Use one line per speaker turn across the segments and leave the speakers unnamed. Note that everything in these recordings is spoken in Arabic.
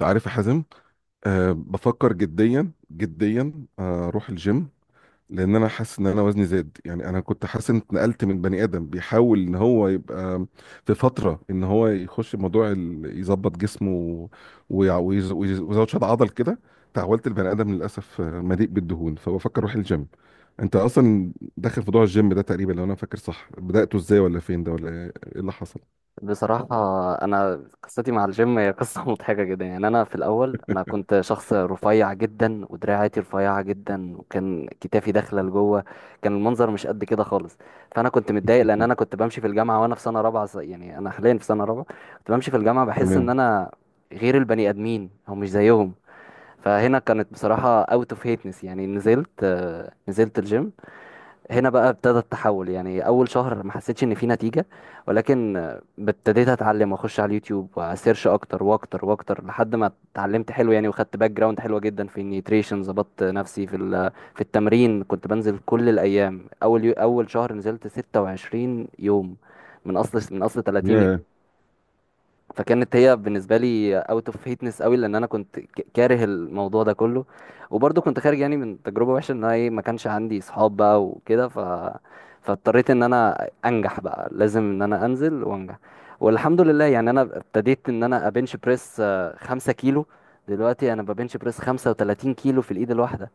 عارف يا حازم؟ بفكر جديا جديا، اروح الجيم. لان انا حاسس ان انا وزني زاد. يعني انا كنت حاسس ان اتنقلت من بني ادم بيحاول ان هو يبقى في فتره ان هو يخش موضوع يظبط جسمه. ويزود شد عضل كده. تحولت لبني ادم للاسف، مليء بالدهون، فبفكر اروح الجيم. انت اصلا داخل في موضوع الجيم ده؟ تقريبا لو انا فاكر صح، بدأته ازاي ولا فين ده ولا إيه اللي حصل؟
بصراحة، أنا قصتي مع الجيم هي قصة مضحكة جدا. يعني أنا في الأول أنا كنت شخص رفيع جدا ودراعاتي رفيعة جدا وكان كتافي داخلة لجوه. كان المنظر مش قد كده خالص. فأنا كنت متضايق لأن أنا كنت بمشي في الجامعة وأنا في سنة رابعة يعني أنا حاليا في سنة رابعة. كنت بمشي في الجامعة بحس إن
تمام.
أنا غير البني آدمين أو مش زيهم. فهنا كانت بصراحة أوت أوف هيتنس. يعني نزلت الجيم. هنا بقى ابتدى التحول. يعني اول شهر ما حسيتش ان في نتيجة، ولكن ابتديت اتعلم واخش على اليوتيوب واسيرش اكتر واكتر واكتر لحد ما اتعلمت حلو يعني، وخدت باك جراوند حلوة جدا في النيوتريشن. ظبطت نفسي في التمرين. كنت بنزل كل الايام. اول شهر نزلت 26 يوم من اصل 30.
ياه
فكانت هي بالنسبه لي اوت اوف هيتنس قوي، لان انا كنت كاره الموضوع ده كله. وبرضه كنت خارج يعني من تجربه وحشه، ان انا ايه، ما كانش عندي اصحاب بقى وكده. فاضطريت ان انا انجح، بقى لازم ان انا انزل وانجح. والحمد لله، يعني انا ابتديت ان انا ابنش بريس خمسة كيلو. دلوقتي انا ببنش بريس 35 كيلو في الايد الواحده.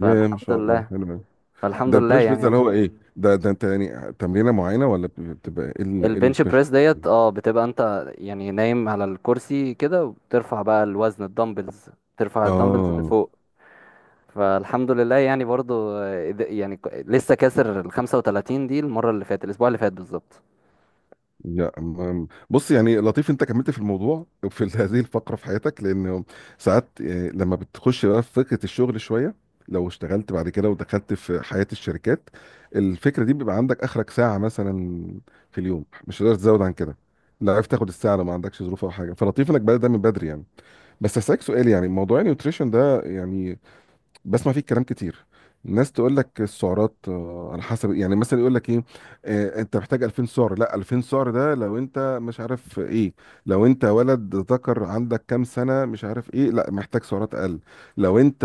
ياه ما
فالحمد
شاء الله،
لله
حلو.
فالحمد
ده
لله
البريش بيتزا
يعني.
اللي هو ايه؟ ده انت يعني تمرينه معينه ولا بتبقى ايه
البنش
البريش؟
بريس ديت، بتبقى انت يعني نايم على الكرسي كده وبترفع بقى الوزن، الدمبلز. ترفع الدمبلز
اه.
لفوق. فالحمد لله يعني برضو، يعني لسه كاسر ال 35 دي، المرة اللي فاتت، الأسبوع اللي فات بالظبط.
بص، يعني لطيف انت كملت في الموضوع في هذه الفقره في حياتك، لان ساعات، لما بتخش بقى في فكره الشغل شويه، لو اشتغلت بعد كده ودخلت في حياه الشركات، الفكره دي بيبقى عندك اخرك ساعه مثلا في اليوم، مش هتقدر تزود عن كده. لا عرفت تاخد الساعه لو ما عندكش ظروف او حاجه، فلطيف انك بدأت ده من بدري يعني. بس هسألك سؤال. يعني موضوع النيوتريشن ده، يعني بسمع فيه كلام كتير. الناس تقول لك السعرات على حسب. يعني مثلا يقول لك ايه آه، انت محتاج 2000 سعر، لا 2000 سعر ده لو انت مش عارف ايه. لو انت ولد ذكر عندك كام سنة مش عارف ايه، لا محتاج سعرات اقل. لو انت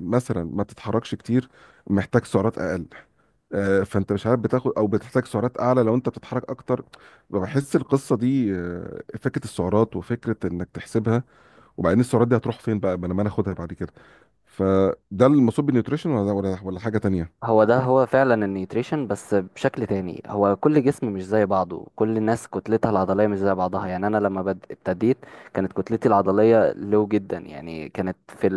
مثلا ما بتتحركش كتير، محتاج سعرات اقل. فانت مش عارف، بتاخد او بتحتاج سعرات اعلى لو انت بتتحرك اكتر. بحس القصه دي، فكره السعرات وفكره انك تحسبها، وبعدين السعرات دي هتروح فين بقى، ما أنا اخدها بعد كده. فده المقصود بالنيوتريشن ولا حاجه تانية؟
هو ده هو فعلا النيوتريشن، بس بشكل تاني. هو كل جسم مش زي بعضه، كل الناس كتلتها العضلية مش زي بعضها. يعني أنا لما ابتديت كانت كتلتي العضلية لو جدا، يعني كانت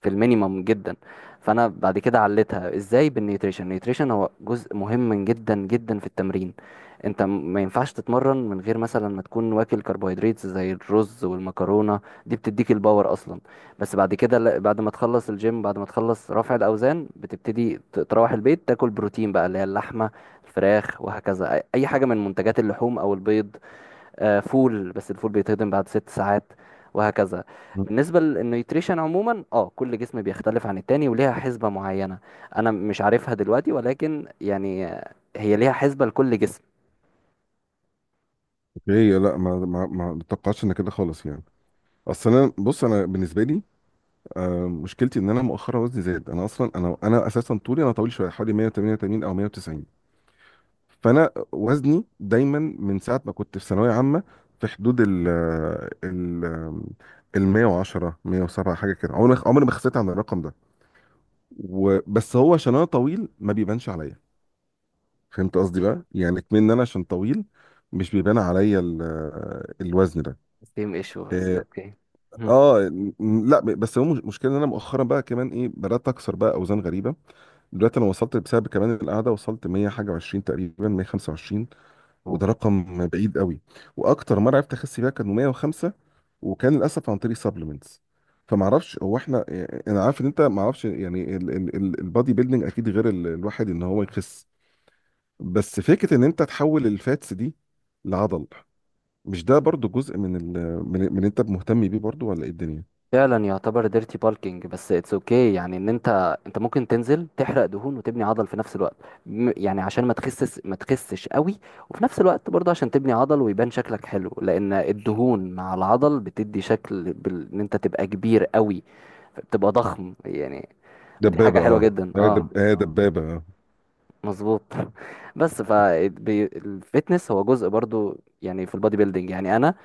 في المينيمم جدا. فانا بعد كده عليتها ازاي بالنيوتريشن. النيوتريشن هو جزء مهم جدا جدا في التمرين. انت ما ينفعش تتمرن من غير مثلا ما تكون واكل كربوهيدرات زي الرز والمكرونه. دي بتديك الباور اصلا. بس بعد كده، بعد ما تخلص الجيم، بعد ما تخلص رفع الاوزان، بتبتدي تروح البيت تاكل بروتين بقى، اللي هي اللحمه، الفراخ، وهكذا. أي حاجه من منتجات اللحوم او البيض. فول. بس الفول بيتهضم بعد 6 ساعات، وهكذا.
مم.
بالنسبة للنيوتريشن عموما، كل جسم بيختلف عن التاني وليها حسبة معينة. انا مش عارفها دلوقتي، ولكن يعني هي ليها حسبة لكل جسم.
اوكي، لا ما توقعتش ان كده خالص يعني. اصل انا، بص بالنسبه لي، مشكلتي ان انا مؤخرا وزني زاد. انا اصلا، انا اساسا طولي، انا طويل شويه، حوالي 188 او 190. فانا وزني دايما من ساعه ما كنت في ثانويه عامه، في حدود ال ال 110، 107 حاجه كده. عمري ما خسيت عن الرقم ده. وبس هو عشان انا طويل ما بيبانش عليا. فهمت قصدي بقى؟ يعني كمان انا عشان طويل، مش بيبان عليا الوزن ده.
سيم ايشو، بس
اه.
اوكي.
آه، لا بس هو مشكلة ان انا مؤخرا بقى كمان ايه، بدات اكسر بقى اوزان غريبه. دلوقتي انا وصلت، بسبب كمان القعده، وصلت 100 حاجه و20 تقريبا، 125،
مم.
وده رقم بعيد قوي. واكتر مره عرفت اخس بيها كان 105، وكان للاسف عن طريق سبلمنتس. فما اعرفش هو احنا، انا عارف ان انت ما اعرفش يعني. البادي بيلدينج اكيد غير الواحد ان هو يخس. بس فكره ان انت تحول الفاتس دي لعضل، مش ده برضو جزء من اللي انت مهتم بيه برضو، ولا ايه الدنيا؟
فعلا يعتبر ديرتي بالكينج، بس اتس اوكي okay. يعني ان انت، ممكن تنزل تحرق دهون وتبني عضل في نفس الوقت. يعني عشان ما تخسس ما تخسش قوي، وفي نفس الوقت برضه عشان تبني عضل ويبان شكلك حلو، لان الدهون مع العضل بتدي شكل، ان انت تبقى كبير قوي، بتبقى ضخم يعني. ودي حاجة
دبابه
حلوة
اه،
جدا،
لا
اه.
دبابة، اه دبابه اه.
مظبوط بس فالفتنس هو جزء برضو يعني، في البادي بيلدينج. يعني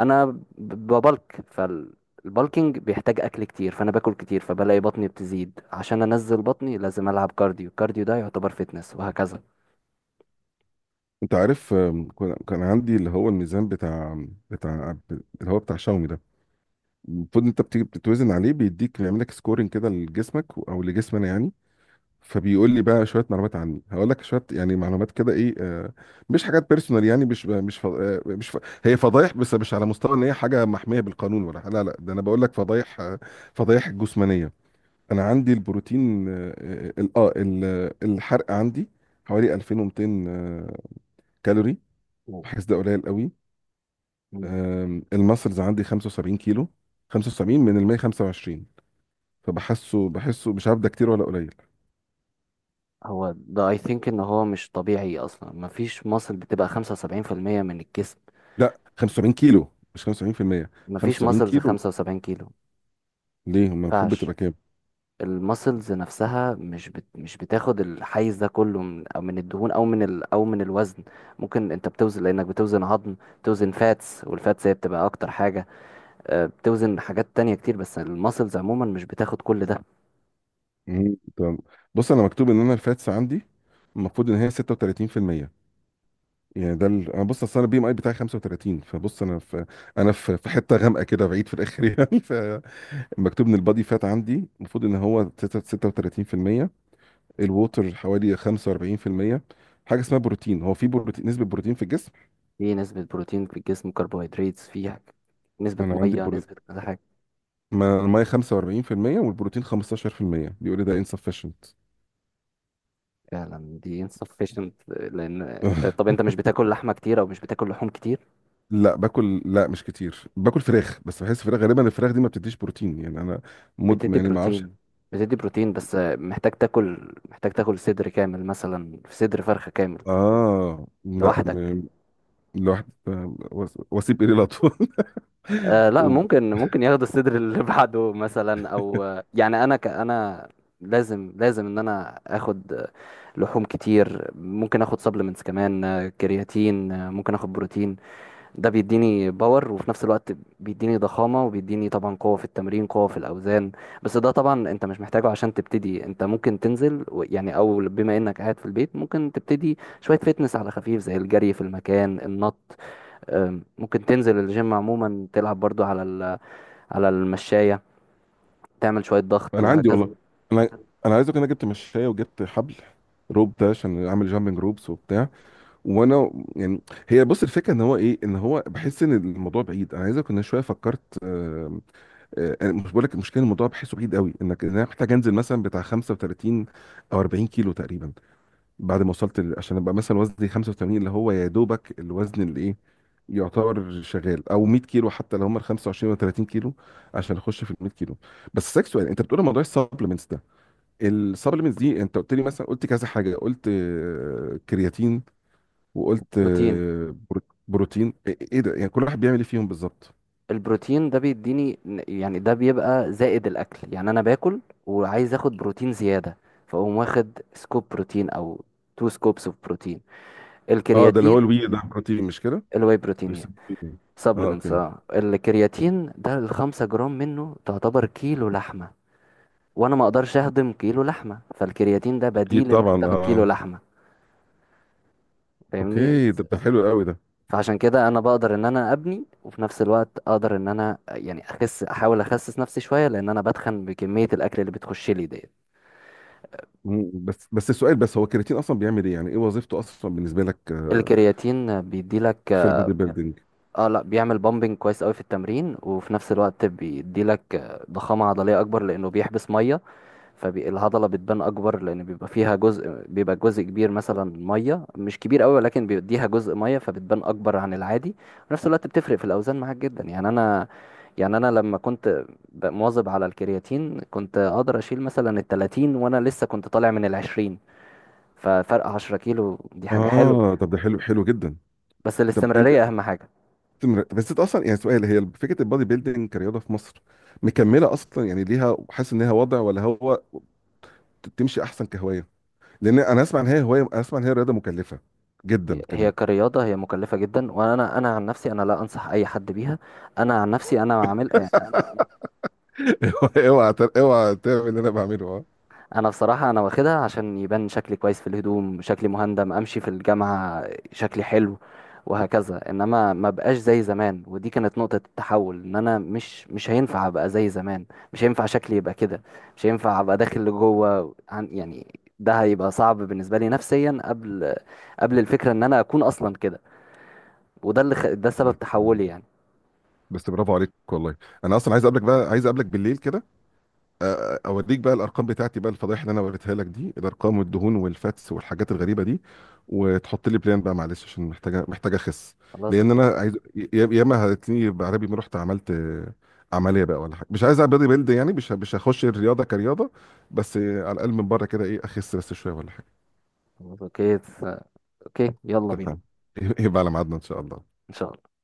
انا ببلك. فالبلكينج بيحتاج اكل كتير، فانا باكل كتير، فبلاقي بطني بتزيد. عشان انزل بطني لازم العب كارديو. الكارديو ده يعتبر فيتنس، وهكذا.
انت عارف، كان عندي اللي هو الميزان بتاع اللي هو بتاع شاومي ده. المفروض انت بتيجي بتتوزن عليه بيديك، بيعمل لك سكورنج كده لجسمك او لجسمنا يعني. فبيقول لي بقى شويه معلومات عني. هقول لك شويه يعني معلومات، كده ايه مش حاجات بيرسونال يعني، مش مش ف- هي فضايح، بس مش على مستوى ان هي حاجه محميه بالقانون. ولا، لا، لا، ده انا بقول لك فضايح فضايح جسمانيه. انا عندي البروتين، الحرق عندي حوالي 2200 كالوري.
مم.
بحس ده قليل قوي.
مم.
الماسلز عندي 75 كيلو، 75 من ال 125. فبحسه، مش عارف ده كتير ولا قليل.
هو ده، اي ثينك ان هو مش طبيعي اصلا. مفيش ماسل بتبقى 75% من الجسم.
لا، 75 كيلو، مش 75%.
مفيش
75
ماسلز
كيلو
75 كيلو.
ليه؟ أما المفروض
مينفعش.
بتبقى كام؟
الماسلز نفسها مش بتاخد الحيز ده كله، من الدهون، او او من الوزن. ممكن انت بتوزن لانك بتوزن عظم، بتوزن فاتس، والفاتس هي بتبقى اكتر حاجة. بتوزن حاجات تانية كتير، بس الماسلز عموما مش بتاخد كل ده.
مم، تمام. بص، انا مكتوب ان انا الفاتس عندي، المفروض ان هي 36%. يعني انا بص، اصل انا البي ام اي بتاعي 35، فبص انا في انا في حته غامقه كده بعيد في الاخر يعني. فمكتوب ان البادي فات عندي المفروض ان هو 36%، الووتر حوالي 45%. حاجه اسمها بروتين، هو في بروتين، نسبه بروتين في الجسم.
في نسبة بروتين في الجسم، كربوهيدرات، نسبة
انا عندي
مية، نسبة
بروتين،
كذا حاجة.
الميه 45% والبروتين 15%. بيقول لي ده insufficient.
فعلا دي insufficient، لأن انت، طب انت مش بتاكل لحمة كتير أو مش بتاكل لحوم كتير.
لا، باكل، لا مش كتير. باكل فراخ، بس بحس فراخ، غالبا الفراخ دي ما بتديش بروتين، يعني انا
بتدي
يعني ما اعرفش.
بروتين بتدي بروتين، بس محتاج تاكل صدر كامل مثلا، في صدر فرخة كامل
اه، لا
لوحدك.
م- الواحد وسيب ايدي الاطفال
لا،
و-
ممكن ياخدوا الصدر اللي بعده مثلا، او يعني انا، انا لازم ان انا اخد لحوم كتير. ممكن اخد سبلمنتس كمان، كرياتين، ممكن اخد بروتين. ده بيديني باور، وفي نفس الوقت بيديني ضخامة، وبيديني طبعا قوة في التمرين، قوة في الاوزان. بس ده طبعا انت مش محتاجه عشان تبتدي. انت ممكن تنزل يعني، او بما انك قاعد في البيت ممكن تبتدي شوية فيتنس على خفيف، زي الجري في المكان، النط. ممكن تنزل الجيم عموما، تلعب برضو على المشاية، تعمل شوية ضغط،
انا عندي
وهكذا.
والله. انا عايز اقول إن انا جبت مشايه وجبت حبل، روب ده، عشان اعمل جامبنج روبس وبتاع، وانا يعني. هي بص، الفكره ان هو ايه، ان هو بحس ان الموضوع بعيد. انا عايز اقول انا شويه فكرت، انا مش بقول لك المشكله، الموضوع بحسه بعيد قوي انك، إن انا محتاج انزل مثلا بتاع 35 او 40 كيلو تقريبا. بعد ما عشان ابقى مثلا وزني 85، اللي هو يا دوبك الوزن اللي ايه يعتبر شغال، او 100 كيلو حتى لو هم ال 25 و 30 كيلو، عشان اخش في ال 100 كيلو. بس اسالك سؤال. انت بتقول موضوع السبلمنتس ده، السبلمنتس دي انت قلت لي مثلا، قلت كذا حاجه. قلت كرياتين، وقلت
بروتين.
بروتين، إيه ده يعني كل واحد بيعمل ايه فيهم بالظبط؟
البروتين ده بيديني، يعني ده بيبقى زائد الأكل. يعني أنا باكل وعايز أخد بروتين زيادة، فأقوم واخد سكوب بروتين أو تو سكوبس اوف بروتين.
اه، ده اللي هو
الكرياتين،
الوي ده بروتين، مش كده؟
الواي بروتين،
بيسبوني. اه،
سبلمنتس.
اوكي.
اه الكرياتين ده ال 5 جرام منه تعتبر كيلو لحمة، وأنا ما أقدرش أهضم كيلو لحمة، فالكرياتين ده
اكيد
بديل إنك
طبعا
تاخد كيلو
اه.
لحمة، فاهمني؟
اوكي، ده حلو قوي ده.
فعشان كده انا بقدر ان انا ابني، وفي نفس الوقت اقدر ان انا يعني اخس، احاول اخسس نفسي شويه، لان انا بتخن بكميه الاكل اللي بتخش لي ديت.
مم، بس السؤال، بس هو الكرياتين اصلا بيعمل ايه، يعني ايه وظيفته اصلا بالنسبه لك،
الكرياتين بيدي لك،
في البادي بيلدينج؟
اه، لا، بيعمل بامبنج كويس قوي في التمرين، وفي نفس الوقت بيدي لك ضخامه عضليه اكبر لانه بيحبس ميه. فالهضلة بتبان أكبر، لأن بيبقى فيها جزء، بيبقى جزء كبير مثلا مية، مش كبير أوي، ولكن بيديها جزء مية، فبتبان أكبر عن العادي. في نفس الوقت بتفرق في الأوزان معاك جدا. يعني أنا لما كنت مواظب على الكرياتين كنت أقدر أشيل مثلا التلاتين وأنا لسه كنت طالع من العشرين. ففرق 10 كيلو دي حاجة حلوة.
اه، طب ده حلو حلو جدا.
بس
طب انت
الاستمرارية أهم حاجة.
بس انت اصلا يعني سؤال. هي فكره البادي بيلدينج كرياضه في مصر، مكمله اصلا يعني ليها، حاسس ان هي وضع، ولا هو تمشي احسن كهوايه؟ لان انا اسمع ان هي هوايه، اسمع ان هي رياضه مكلفه جدا كمان.
هي كرياضة هي مكلفة جدا. أنا عن نفسي أنا لا أنصح أي حد بيها. أنا عن نفسي أنا عامل.
اوعى، اوعى تعمل اللي انا بعمله اه.
انا بصراحه انا واخدها عشان يبان شكلي كويس في الهدوم، شكلي مهندم، امشي في الجامعه شكلي حلو، وهكذا. انما ما بقاش زي زمان، ودي كانت نقطه التحول، ان انا مش هينفع ابقى زي زمان. مش هينفع شكلي يبقى كده. مش هينفع ابقى داخل لجوه. عن يعني ده هيبقى صعب بالنسبه لي نفسيا، قبل الفكره ان انا اكون اصلا كده. وده اللي ده سبب
بس
تحولي يعني.
بس برافو عليك والله. انا اصلا عايز اقابلك بقى، عايز اقابلك بالليل كده. اوريك بقى الارقام بتاعتي بقى، الفضايح اللي انا وريتها لك دي، الارقام والدهون والفاتس والحاجات الغريبه دي. وتحط لي بلان بقى، معلش عشان محتاجه اخس.
خلاص،
لان
اوكي.
انا عايز، ياما هتلاقيني بعربي ما رحت عملت عمليه بقى ولا حاجه. مش عايز اعمل بودي بيلد يعني، مش هخش الرياضه كرياضه. بس على الاقل من بره كده ايه، اخس بس شويه ولا حاجه.
خلاص، اوكي. اوكي، يلا بينا.
اتفقنا. يبقى على ميعادنا ان شاء الله.
ان شاء الله.